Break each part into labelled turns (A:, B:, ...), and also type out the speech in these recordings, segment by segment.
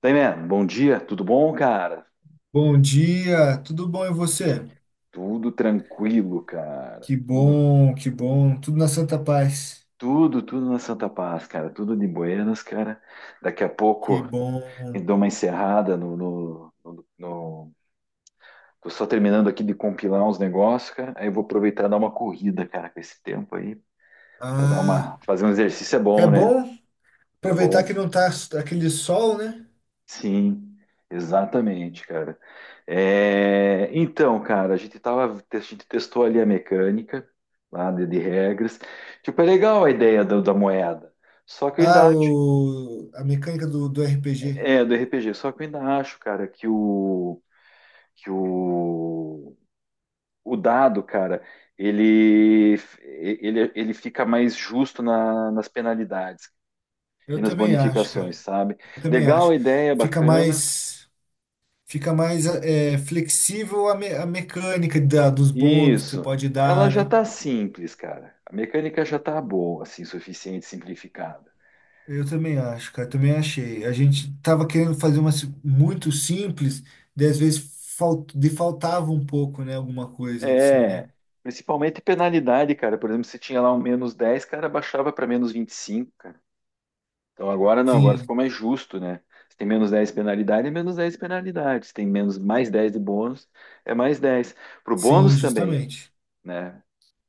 A: Daí, man, bom dia, tudo bom, cara?
B: Bom dia, tudo bom e você?
A: Tudo tranquilo, cara. Tudo,
B: Que bom, tudo na santa paz.
A: tudo, tudo na Santa Paz, cara. Tudo de buenas, cara. Daqui a
B: Que
A: pouco
B: bom.
A: eu dou uma encerrada no. Tô só terminando aqui de compilar uns negócios, cara. Aí eu vou aproveitar e dar uma corrida, cara, com esse tempo aí,
B: Ah,
A: fazer um exercício é
B: é
A: bom, né?
B: bom
A: É
B: aproveitar
A: bom.
B: que não tá aquele sol, né?
A: Sim, exatamente, cara. É, então, cara, a gente testou ali a mecânica lá de regras. Tipo, é legal a ideia da moeda. Só que eu
B: Ah,
A: ainda acho,
B: a mecânica do RPG.
A: do RPG, só que eu ainda acho, cara, que que o, o dado, cara, ele ele fica mais justo nas penalidades e
B: Eu
A: nas
B: também acho, cara.
A: bonificações, sabe?
B: Eu também
A: Legal
B: acho.
A: a ideia,
B: Fica
A: bacana.
B: mais, fica mais flexível a mecânica dos bônus que você
A: Isso.
B: pode
A: Ela
B: dar,
A: já
B: né?
A: tá simples, cara. A mecânica já tá boa, assim, suficiente, simplificada.
B: Eu também acho, cara, também achei. A gente tava querendo fazer uma muito simples, daí às vezes fal- de faltava um pouco, né, alguma coisa assim, né?
A: É, principalmente penalidade, cara. Por exemplo, se tinha lá um -10, cara, baixava para -25, cara. Então agora não, agora
B: Sim,
A: ficou mais justo, né? Se tem menos 10 penalidade, é menos 10 penalidade. Se tem menos +10 de bônus, é +10. Pro
B: sim,
A: bônus também,
B: justamente.
A: né?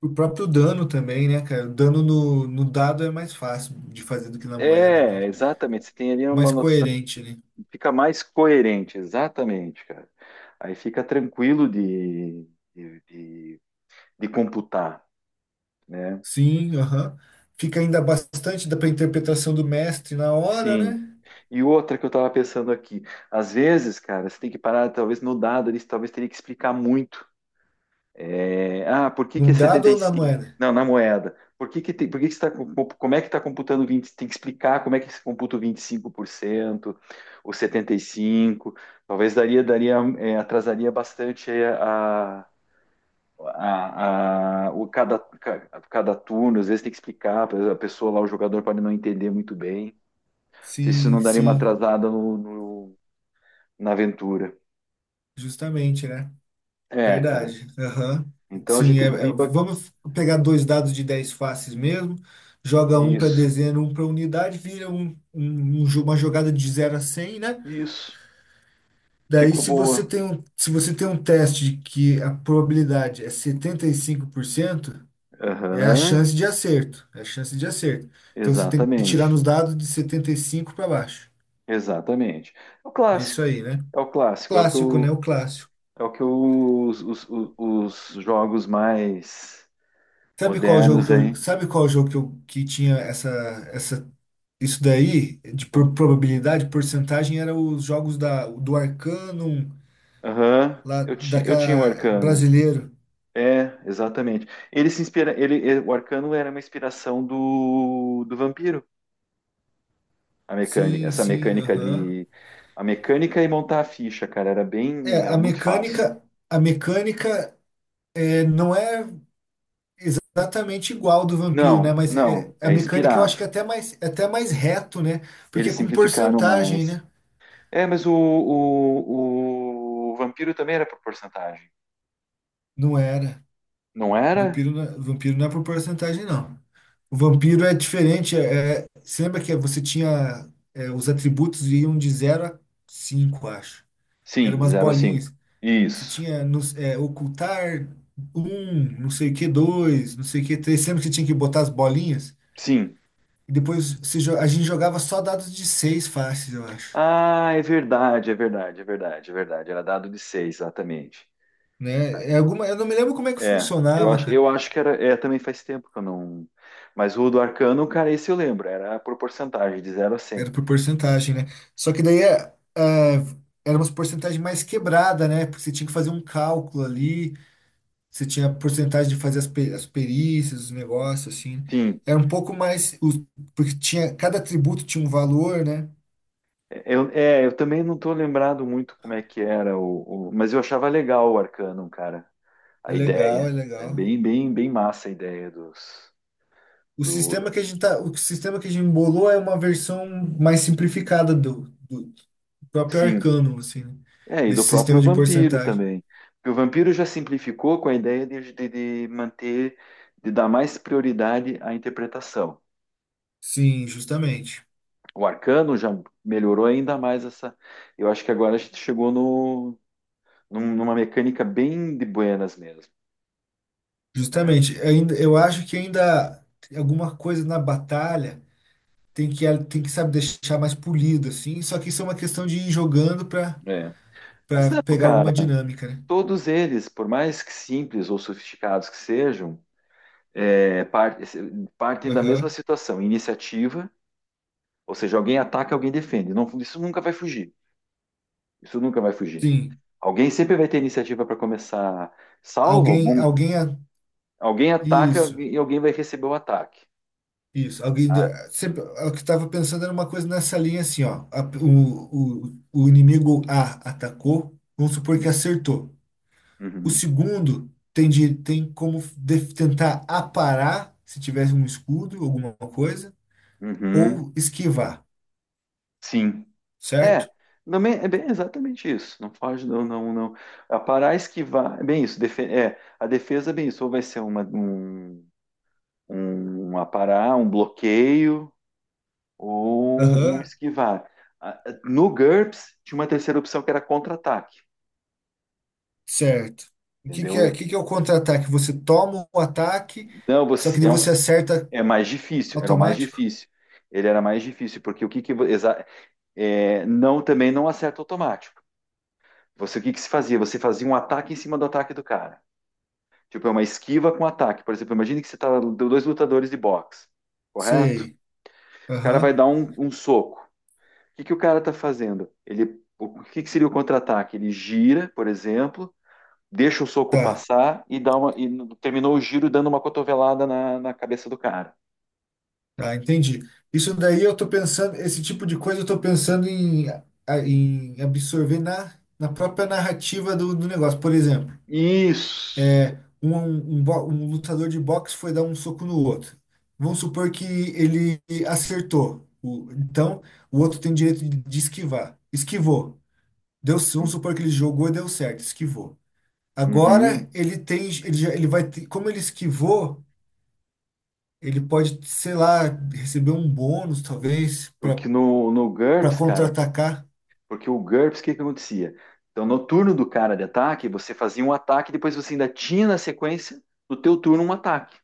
B: O próprio dano também, né, cara? O dano no dado é mais fácil de fazer do que na moeda
A: É,
B: mesmo.
A: exatamente. Você tem ali uma
B: Mais
A: noção.
B: coerente, né?
A: Fica mais coerente, exatamente, cara. Aí fica tranquilo de, de- de computar, né?
B: Sim, aham. Fica ainda bastante da pra interpretação do mestre na hora,
A: Sim.
B: né?
A: E outra que eu tava pensando aqui, às vezes, cara, você tem que parar, talvez no dado, eles talvez teria que explicar muito. Por que que é
B: Num
A: setenta
B: dado ou
A: e
B: na
A: cinco
B: moeda?
A: Não, na moeda. Por que que está, como é que está computando 20? Tem que explicar como é que se computa o 25%, o 75. Talvez daria, atrasaria bastante aí a, o cada, ca- cada turno, às vezes tem que explicar, a pessoa lá, o jogador pode não entender muito bem. Não sei se isso
B: Sim,
A: não daria uma
B: sim,
A: atrasada na aventura.
B: justamente, né?
A: É, cara.
B: Verdade. Aham.
A: Então a
B: Sim,
A: gente viu
B: vamos pegar dois dados de 10 faces mesmo, joga um para
A: isso.
B: dezena, um para unidade, vira uma jogada de 0 a 100, né?
A: Isso.
B: Daí,
A: Ficou
B: se você
A: boa.
B: tem um, se você tem um teste que a probabilidade é 75%, é a
A: Aham.
B: chance de acerto. É a chance de acerto. Então, você tem que tirar
A: Exatamente.
B: nos dados de 75 para baixo.
A: Exatamente. É o
B: É isso
A: clássico.
B: aí, né?
A: É o clássico. É o que,
B: Clássico, né?
A: eu,
B: O clássico.
A: é o que eu- os, os jogos mais
B: Sabe qual jogo
A: modernos
B: que eu,
A: aí.
B: sabe qual jogo Que tinha essa, essa Isso daí, probabilidade, porcentagem, era os jogos do Arcanum,
A: Aham.
B: lá
A: Eu tinha o
B: daquela
A: arcano.
B: brasileiro.
A: É, exatamente. Ele se inspira, ele- O Arcano era uma inspiração do Vampiro, a mecânica,
B: Sim,
A: essa
B: sim,
A: mecânica
B: aham.
A: de a mecânica e montar a ficha, cara,
B: É,
A: era
B: a
A: muito fácil.
B: mecânica, a mecânica é, não é exatamente igual do vampiro, né?
A: Não,
B: Mas
A: não,
B: é, a
A: é
B: mecânica eu acho
A: inspirado.
B: que é até mais reto, né? Porque
A: Eles
B: é com
A: simplificaram
B: porcentagem,
A: mais.
B: né?
A: É, mas o Vampiro também era por porcentagem.
B: Não era.
A: Não era?
B: Vampiro não é por porcentagem, não. O vampiro é diferente. Você lembra que você tinha. Os atributos iam de zero a 5, acho. Eram
A: Sim, de
B: umas
A: 0 a 5.
B: bolinhas. Você
A: Isso.
B: tinha ocultar um, não sei o que, 2, não sei o que, 3. Lembra que você tinha que botar as bolinhas?
A: Sim.
B: E depois a gente jogava só dados de 6 faces, eu acho.
A: Ah, é verdade, é verdade, é verdade, é verdade. Era dado de 6, exatamente.
B: Né? Eu não me lembro como é que
A: É, eu
B: funcionava,
A: acho,
B: cara.
A: eu acho que era. É, também faz tempo que eu não. Mas o do Arcano, cara, esse eu lembro, era por porcentagem, de zero a
B: Era
A: cem.
B: por porcentagem, né? Só que daí é, era uma porcentagem mais quebrada, né? Porque você tinha que fazer um cálculo ali, você tinha a porcentagem de fazer as perícias, os negócios, assim.
A: Sim,
B: Era um pouco mais. Porque tinha, cada atributo tinha um valor, né?
A: eu também não tô lembrado muito como é que era, mas eu achava legal o Arcano, cara,
B: É
A: a
B: legal,
A: ideia.
B: é
A: É
B: legal.
A: bem, bem, bem massa a ideia dos.
B: O
A: Do,
B: sistema que a gente tá, o sistema que a gente embolou é uma versão mais simplificada do próprio
A: sim,
B: Arcanum, assim, né?
A: e
B: Desse
A: do próprio
B: sistema de
A: vampiro
B: porcentagem.
A: também. Porque o vampiro já simplificou com a ideia de manter, de dar mais prioridade à interpretação.
B: Sim, justamente.
A: O Arcano já melhorou ainda mais essa. Eu acho que agora a gente chegou no, num- numa mecânica bem de buenas mesmo, né?
B: Justamente, ainda, eu acho que ainda alguma coisa na batalha tem que sabe deixar mais polido assim, só que isso é uma questão de ir jogando para
A: É. Mas
B: para
A: não,
B: pegar
A: cara,
B: alguma dinâmica, né?
A: todos eles, por mais que simples ou sofisticados que sejam, é, par- partem da mesma
B: Aham.
A: situação, iniciativa, ou seja, alguém ataca, alguém defende. Isso nunca vai fugir. Isso nunca vai fugir.
B: Sim.
A: Alguém sempre vai ter iniciativa para começar, salvo
B: Alguém
A: algum-
B: alguém a-
A: alguém ataca
B: isso,
A: e alguém vai receber o ataque.
B: isso. Alguém
A: Ah,
B: da- sempre é o que estava pensando era uma coisa nessa linha assim, ó. O inimigo A atacou, vamos supor que acertou. O
A: uhum,
B: segundo tem como tentar aparar se tivesse um escudo, alguma coisa,
A: uhum.
B: ou esquivar,
A: Sim.
B: certo?
A: É, também é bem exatamente isso. Não foge, não, não, não. A parar, esquivar, é bem isso. defe- é, a defesa é bem isso. Ou vai ser um aparar, um bloqueio, ou um
B: Aham,
A: esquivar. Ah, no GURPS, tinha uma terceira opção que era contra-ataque.
B: certo. O que que
A: Entendeu?
B: é, o
A: Eu-
B: que que é o contra-ataque? Você toma um ataque,
A: Não,
B: só que daí você acerta
A: é mais difícil, era o mais
B: automático?
A: difícil. Ele era mais difícil, porque o que, que vo- exa- é, não, também não acerta automático. Você o que, que se fazia? Você fazia um ataque em cima do ataque do cara. Tipo, é uma esquiva com ataque. Por exemplo, imagine que você tá deu dois lutadores de boxe, correto?
B: Sei.
A: O cara vai
B: Aham,
A: dar um soco. O que que o cara tá fazendo? O que que seria o contra-ataque? Ele gira, por exemplo, deixa o soco
B: tá,
A: passar e e terminou o giro dando uma cotovelada na cabeça do cara.
B: tá, entendi. Isso daí eu tô pensando, esse tipo de coisa eu tô pensando em absorver na própria narrativa do negócio. Por exemplo,
A: Isso.
B: um lutador de boxe foi dar um soco no outro. Vamos supor que ele acertou. Então, o outro tem direito de esquivar. Esquivou. Deu, vamos supor que ele jogou e deu certo. Esquivou.
A: Uhum.
B: Agora, ele tem, ele, já- ele vai, ter- como ele esquivou, ele pode, sei lá, receber um bônus, talvez, para
A: Porque no
B: para
A: GURPS, cara,
B: contra-atacar.
A: porque o GURPS, o que que acontecia? Então, no turno do cara de ataque, você fazia um ataque, depois você ainda tinha na sequência, no teu turno, um ataque.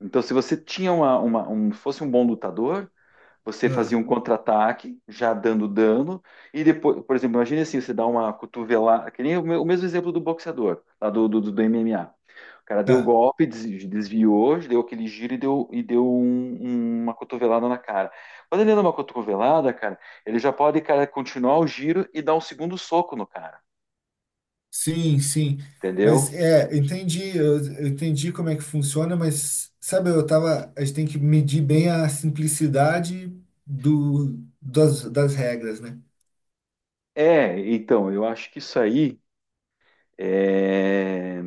A: Então, se você tinha fosse um bom lutador, você fazia
B: Ah,
A: um contra-ataque, já dando dano, e depois, por exemplo, imagine assim, você dá uma cotovelada, que nem o mesmo exemplo do boxeador, lá do MMA. O cara deu o
B: tá.
A: golpe, desviou, deu aquele giro e deu uma cotovelada na cara. Quando ele dá uma cotovelada, cara, ele já pode, cara, continuar o giro e dar um segundo soco no cara,
B: Sim, sim. Mas
A: entendeu?
B: entendi, eu entendi como é que funciona, mas sabe, eu tava, a gente tem que medir bem a simplicidade das regras, né?
A: É, então, eu acho que isso aí. É,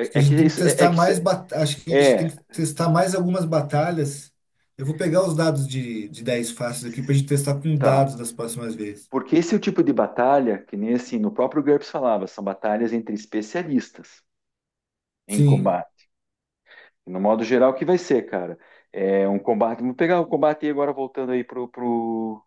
B: Acho que a
A: é que,
B: gente tem que
A: isso- é, é
B: testar
A: que
B: mais, acho que a gente tem
A: É,
B: que testar mais algumas batalhas. Eu vou pegar os dados de 10 fáceis aqui pra gente testar com dados
A: tá.
B: das próximas vezes.
A: Porque esse é o tipo de batalha que nem assim, no próprio GURPS falava, são batalhas entre especialistas em
B: Sim,
A: combate. No modo geral, o que vai ser, cara? É um combate. Vamos pegar o combate aí agora voltando aí pro, pro,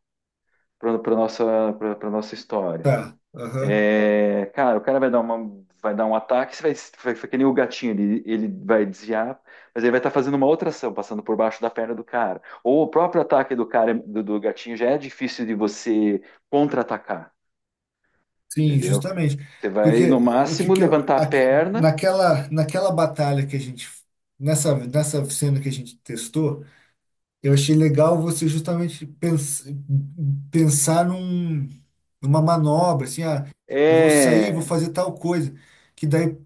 A: pro, pra nossa, pra, pra nossa história.
B: tá. Aham.
A: É, cara, o cara vai dar um ataque, você vai que nem o gatinho, ele vai desviar, mas ele vai estar fazendo uma outra ação, passando por baixo da perna do cara. Ou o próprio ataque do cara, do gatinho, já é difícil de você contra-atacar,
B: Sim,
A: entendeu?
B: justamente.
A: Você
B: Porque
A: vai, no
B: o que
A: máximo,
B: que eu,
A: levantar a
B: a-
A: perna.
B: naquela, naquela batalha que a gente, nessa, nessa cena que a gente testou, eu achei legal você justamente pensar numa manobra, assim, ah, eu vou sair, vou
A: É,
B: fazer tal coisa, que daí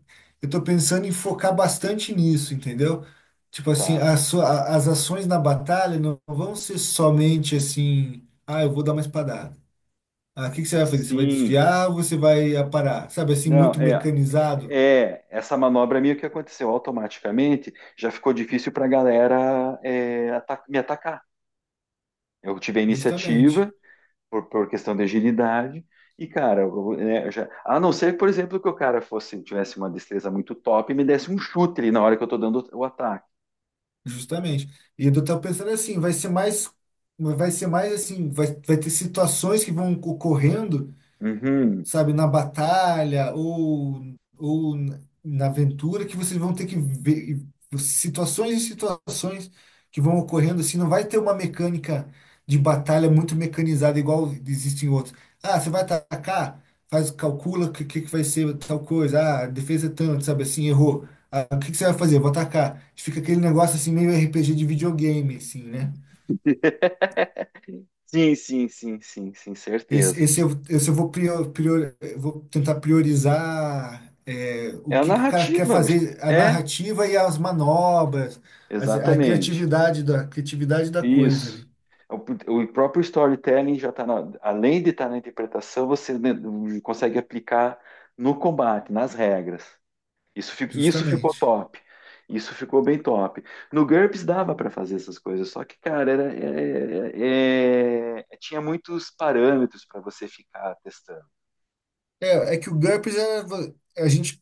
B: eu tô pensando em focar bastante nisso, entendeu? Tipo assim,
A: tá.
B: as ações na batalha não vão ser somente assim, ah, eu vou dar uma espadada. Ah, o que que você vai fazer? Você vai
A: Sim.
B: desviar ou você vai aparar? Sabe assim,
A: Não,
B: muito mecanizado?
A: Essa manobra minha que aconteceu automaticamente já ficou difícil para a galera me atacar. Eu tive a
B: Justamente,
A: iniciativa por questão de agilidade. E, cara, eu, né, eu já, a não ser, por exemplo, que tivesse uma destreza muito top e me desse um chute ali na hora que eu tô dando o ataque.
B: justamente. E eu tô pensando assim, vai ser mais assim, vai ter situações que vão ocorrendo,
A: Uhum.
B: sabe, na batalha ou na aventura que vocês vão ter que ver situações e situações que vão ocorrendo assim, não vai ter uma mecânica de batalha muito mecanizada igual existe em outros. Ah, você vai atacar, faz calcula o que que vai ser tal coisa. Ah, a defesa é tanto, sabe assim, errou. Ah, o que que você vai fazer? Vou atacar. Fica aquele negócio assim meio RPG de videogame assim, né?
A: Sim, sim, sim, sim, sim,
B: Esse,
A: certeza.
B: esse, eu, esse eu vou tentar priorizar
A: É
B: o
A: a
B: que que o cara quer
A: narrativa.
B: fazer, a
A: É,
B: narrativa e as manobras, as- a
A: exatamente.
B: criatividade da, a criatividade da coisa
A: Isso.
B: ali,
A: O próprio storytelling já está na, além de estar na interpretação, você consegue aplicar no combate, nas regras. Isso, isso ficou
B: justamente.
A: top. Isso ficou bem top. No GURPS dava para fazer essas coisas, só que, cara, era, é- é- é- é, tinha muitos parâmetros para você ficar testando.
B: É, é que o GURPS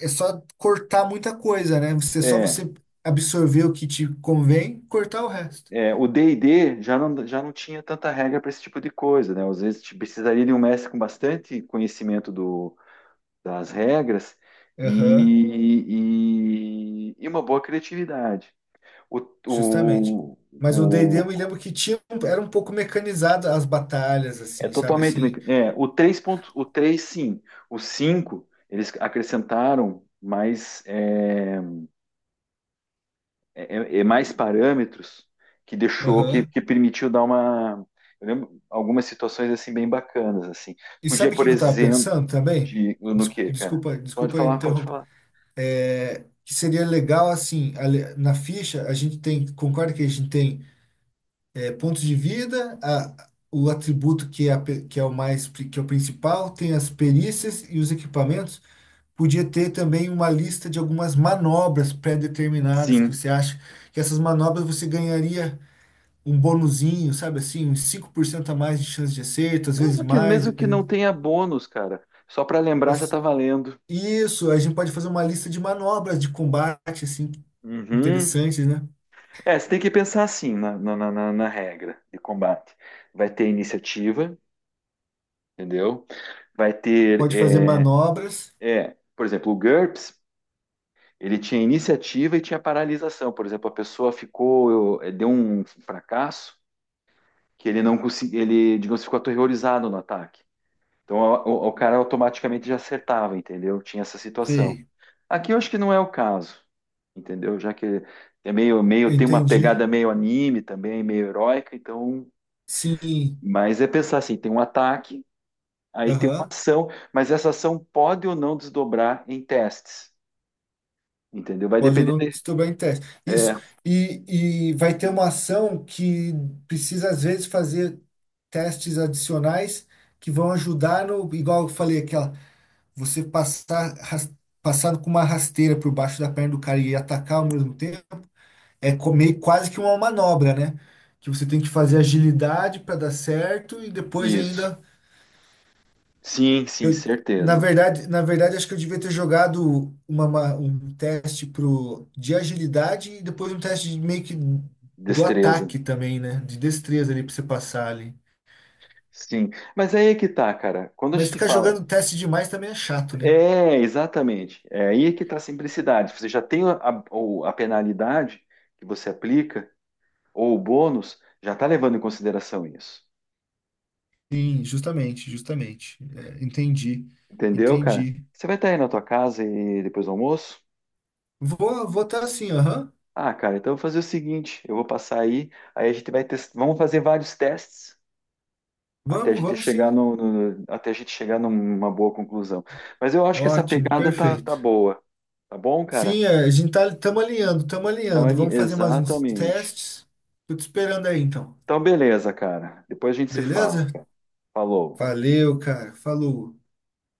B: é só cortar muita coisa, né? Você, só
A: É,
B: você absorver o que te convém, cortar o resto.
A: o D&D já não tinha tanta regra para esse tipo de coisa, né? Às vezes te precisaria de um mestre com bastante conhecimento das regras
B: Aham,
A: e, e uma boa criatividade. O,
B: justamente.
A: o,
B: Mas o D&D eu me
A: o-
B: lembro que era um pouco mecanizado as batalhas,
A: é
B: assim, sabe
A: totalmente
B: assim?
A: o 3 ponto, o três sim, o 5 eles acrescentaram mais é mais parâmetros que deixou
B: Aham.
A: que permitiu dar uma. Eu lembro algumas situações assim bem bacanas assim.
B: E
A: Podia,
B: sabe o que
A: por
B: que eu estava
A: exemplo,
B: pensando também?
A: de no
B: Des-
A: que, cara?
B: Desculpa,
A: Pode
B: desculpa
A: falar, pode
B: interromper.
A: falar.
B: É, que seria legal, assim, na ficha, concorda que a gente tem pontos de vida, o atributo que é, que é o mais, que é o principal, tem as perícias e os equipamentos. Podia ter também uma lista de algumas manobras pré-determinadas que
A: Sim.
B: você acha que essas manobras você ganharia um bonuzinho, sabe assim, uns 5% a mais de chance de acerto, às vezes mais,
A: Mesmo que não
B: dependendo.
A: tenha bônus, cara, só para lembrar já tá valendo.
B: Isso, a gente pode fazer uma lista de manobras de combate, assim,
A: Uhum.
B: interessantes, né?
A: É, você tem que pensar assim na regra de combate. Vai ter iniciativa, entendeu? Vai ter,
B: Pode fazer manobras.
A: por exemplo, o GURPS, ele tinha iniciativa e tinha paralisação. Por exemplo, a pessoa deu um fracasso que ele não conseguiu, ele, digamos, ficou aterrorizado no ataque. Então, o cara automaticamente já acertava, entendeu? Tinha essa situação.
B: Sei.
A: Aqui eu acho que não é o caso, entendeu? Já que é meio, tem uma
B: Entendi.
A: pegada meio anime também, meio heróica, então.
B: Sim.
A: Mas é pensar assim: tem um ataque, aí tem uma
B: Aham.
A: ação, mas essa ação pode ou não desdobrar em testes, entendeu? Vai
B: Pode
A: depender.
B: não estourar em teste. Isso.
A: É,
B: E, e vai ter uma ação que precisa, às vezes, fazer testes adicionais que vão ajudar no. Igual eu falei, aquela. Você passar com uma rasteira por baixo da perna do cara e atacar ao mesmo é comer quase que uma manobra, né? Que você tem que fazer agilidade para dar certo e depois
A: isso.
B: ainda
A: Sim, sim,
B: eu. Na
A: certeza.
B: verdade, na verdade acho que eu devia ter jogado um teste pro de agilidade e depois um teste de meio que do
A: Destreza.
B: ataque também, né? De destreza ali para você passar ali.
A: Sim. Mas aí é que tá, cara. Quando a
B: Mas
A: gente
B: ficar
A: fala.
B: jogando teste demais também é chato, né?
A: É, exatamente. É aí é que tá a simplicidade. Você já tem a penalidade que você aplica. Ou o bônus, já tá levando em consideração isso.
B: Sim, justamente, justamente. É, entendi,
A: Entendeu, cara?
B: entendi.
A: Você vai estar aí na tua casa e depois do almoço?
B: Vou estar assim, aham.
A: Ah, cara, então eu vou fazer o seguinte, eu vou passar aí, aí a gente vai testar, vamos fazer vários testes até a
B: Vamos,
A: gente
B: vamos
A: chegar
B: sim.
A: até a gente chegar numa boa conclusão. Mas eu acho que essa
B: Ótimo,
A: pegada tá,
B: perfeito.
A: tá boa, tá bom, cara?
B: Sim, estamos alinhando, estamos
A: Então,
B: alinhando. Vamos fazer mais uns
A: Exatamente.
B: testes. Tô te esperando aí, então.
A: Então, beleza, cara. Depois a gente se fala,
B: Beleza?
A: cara. Falou.
B: Valeu, cara. Falou.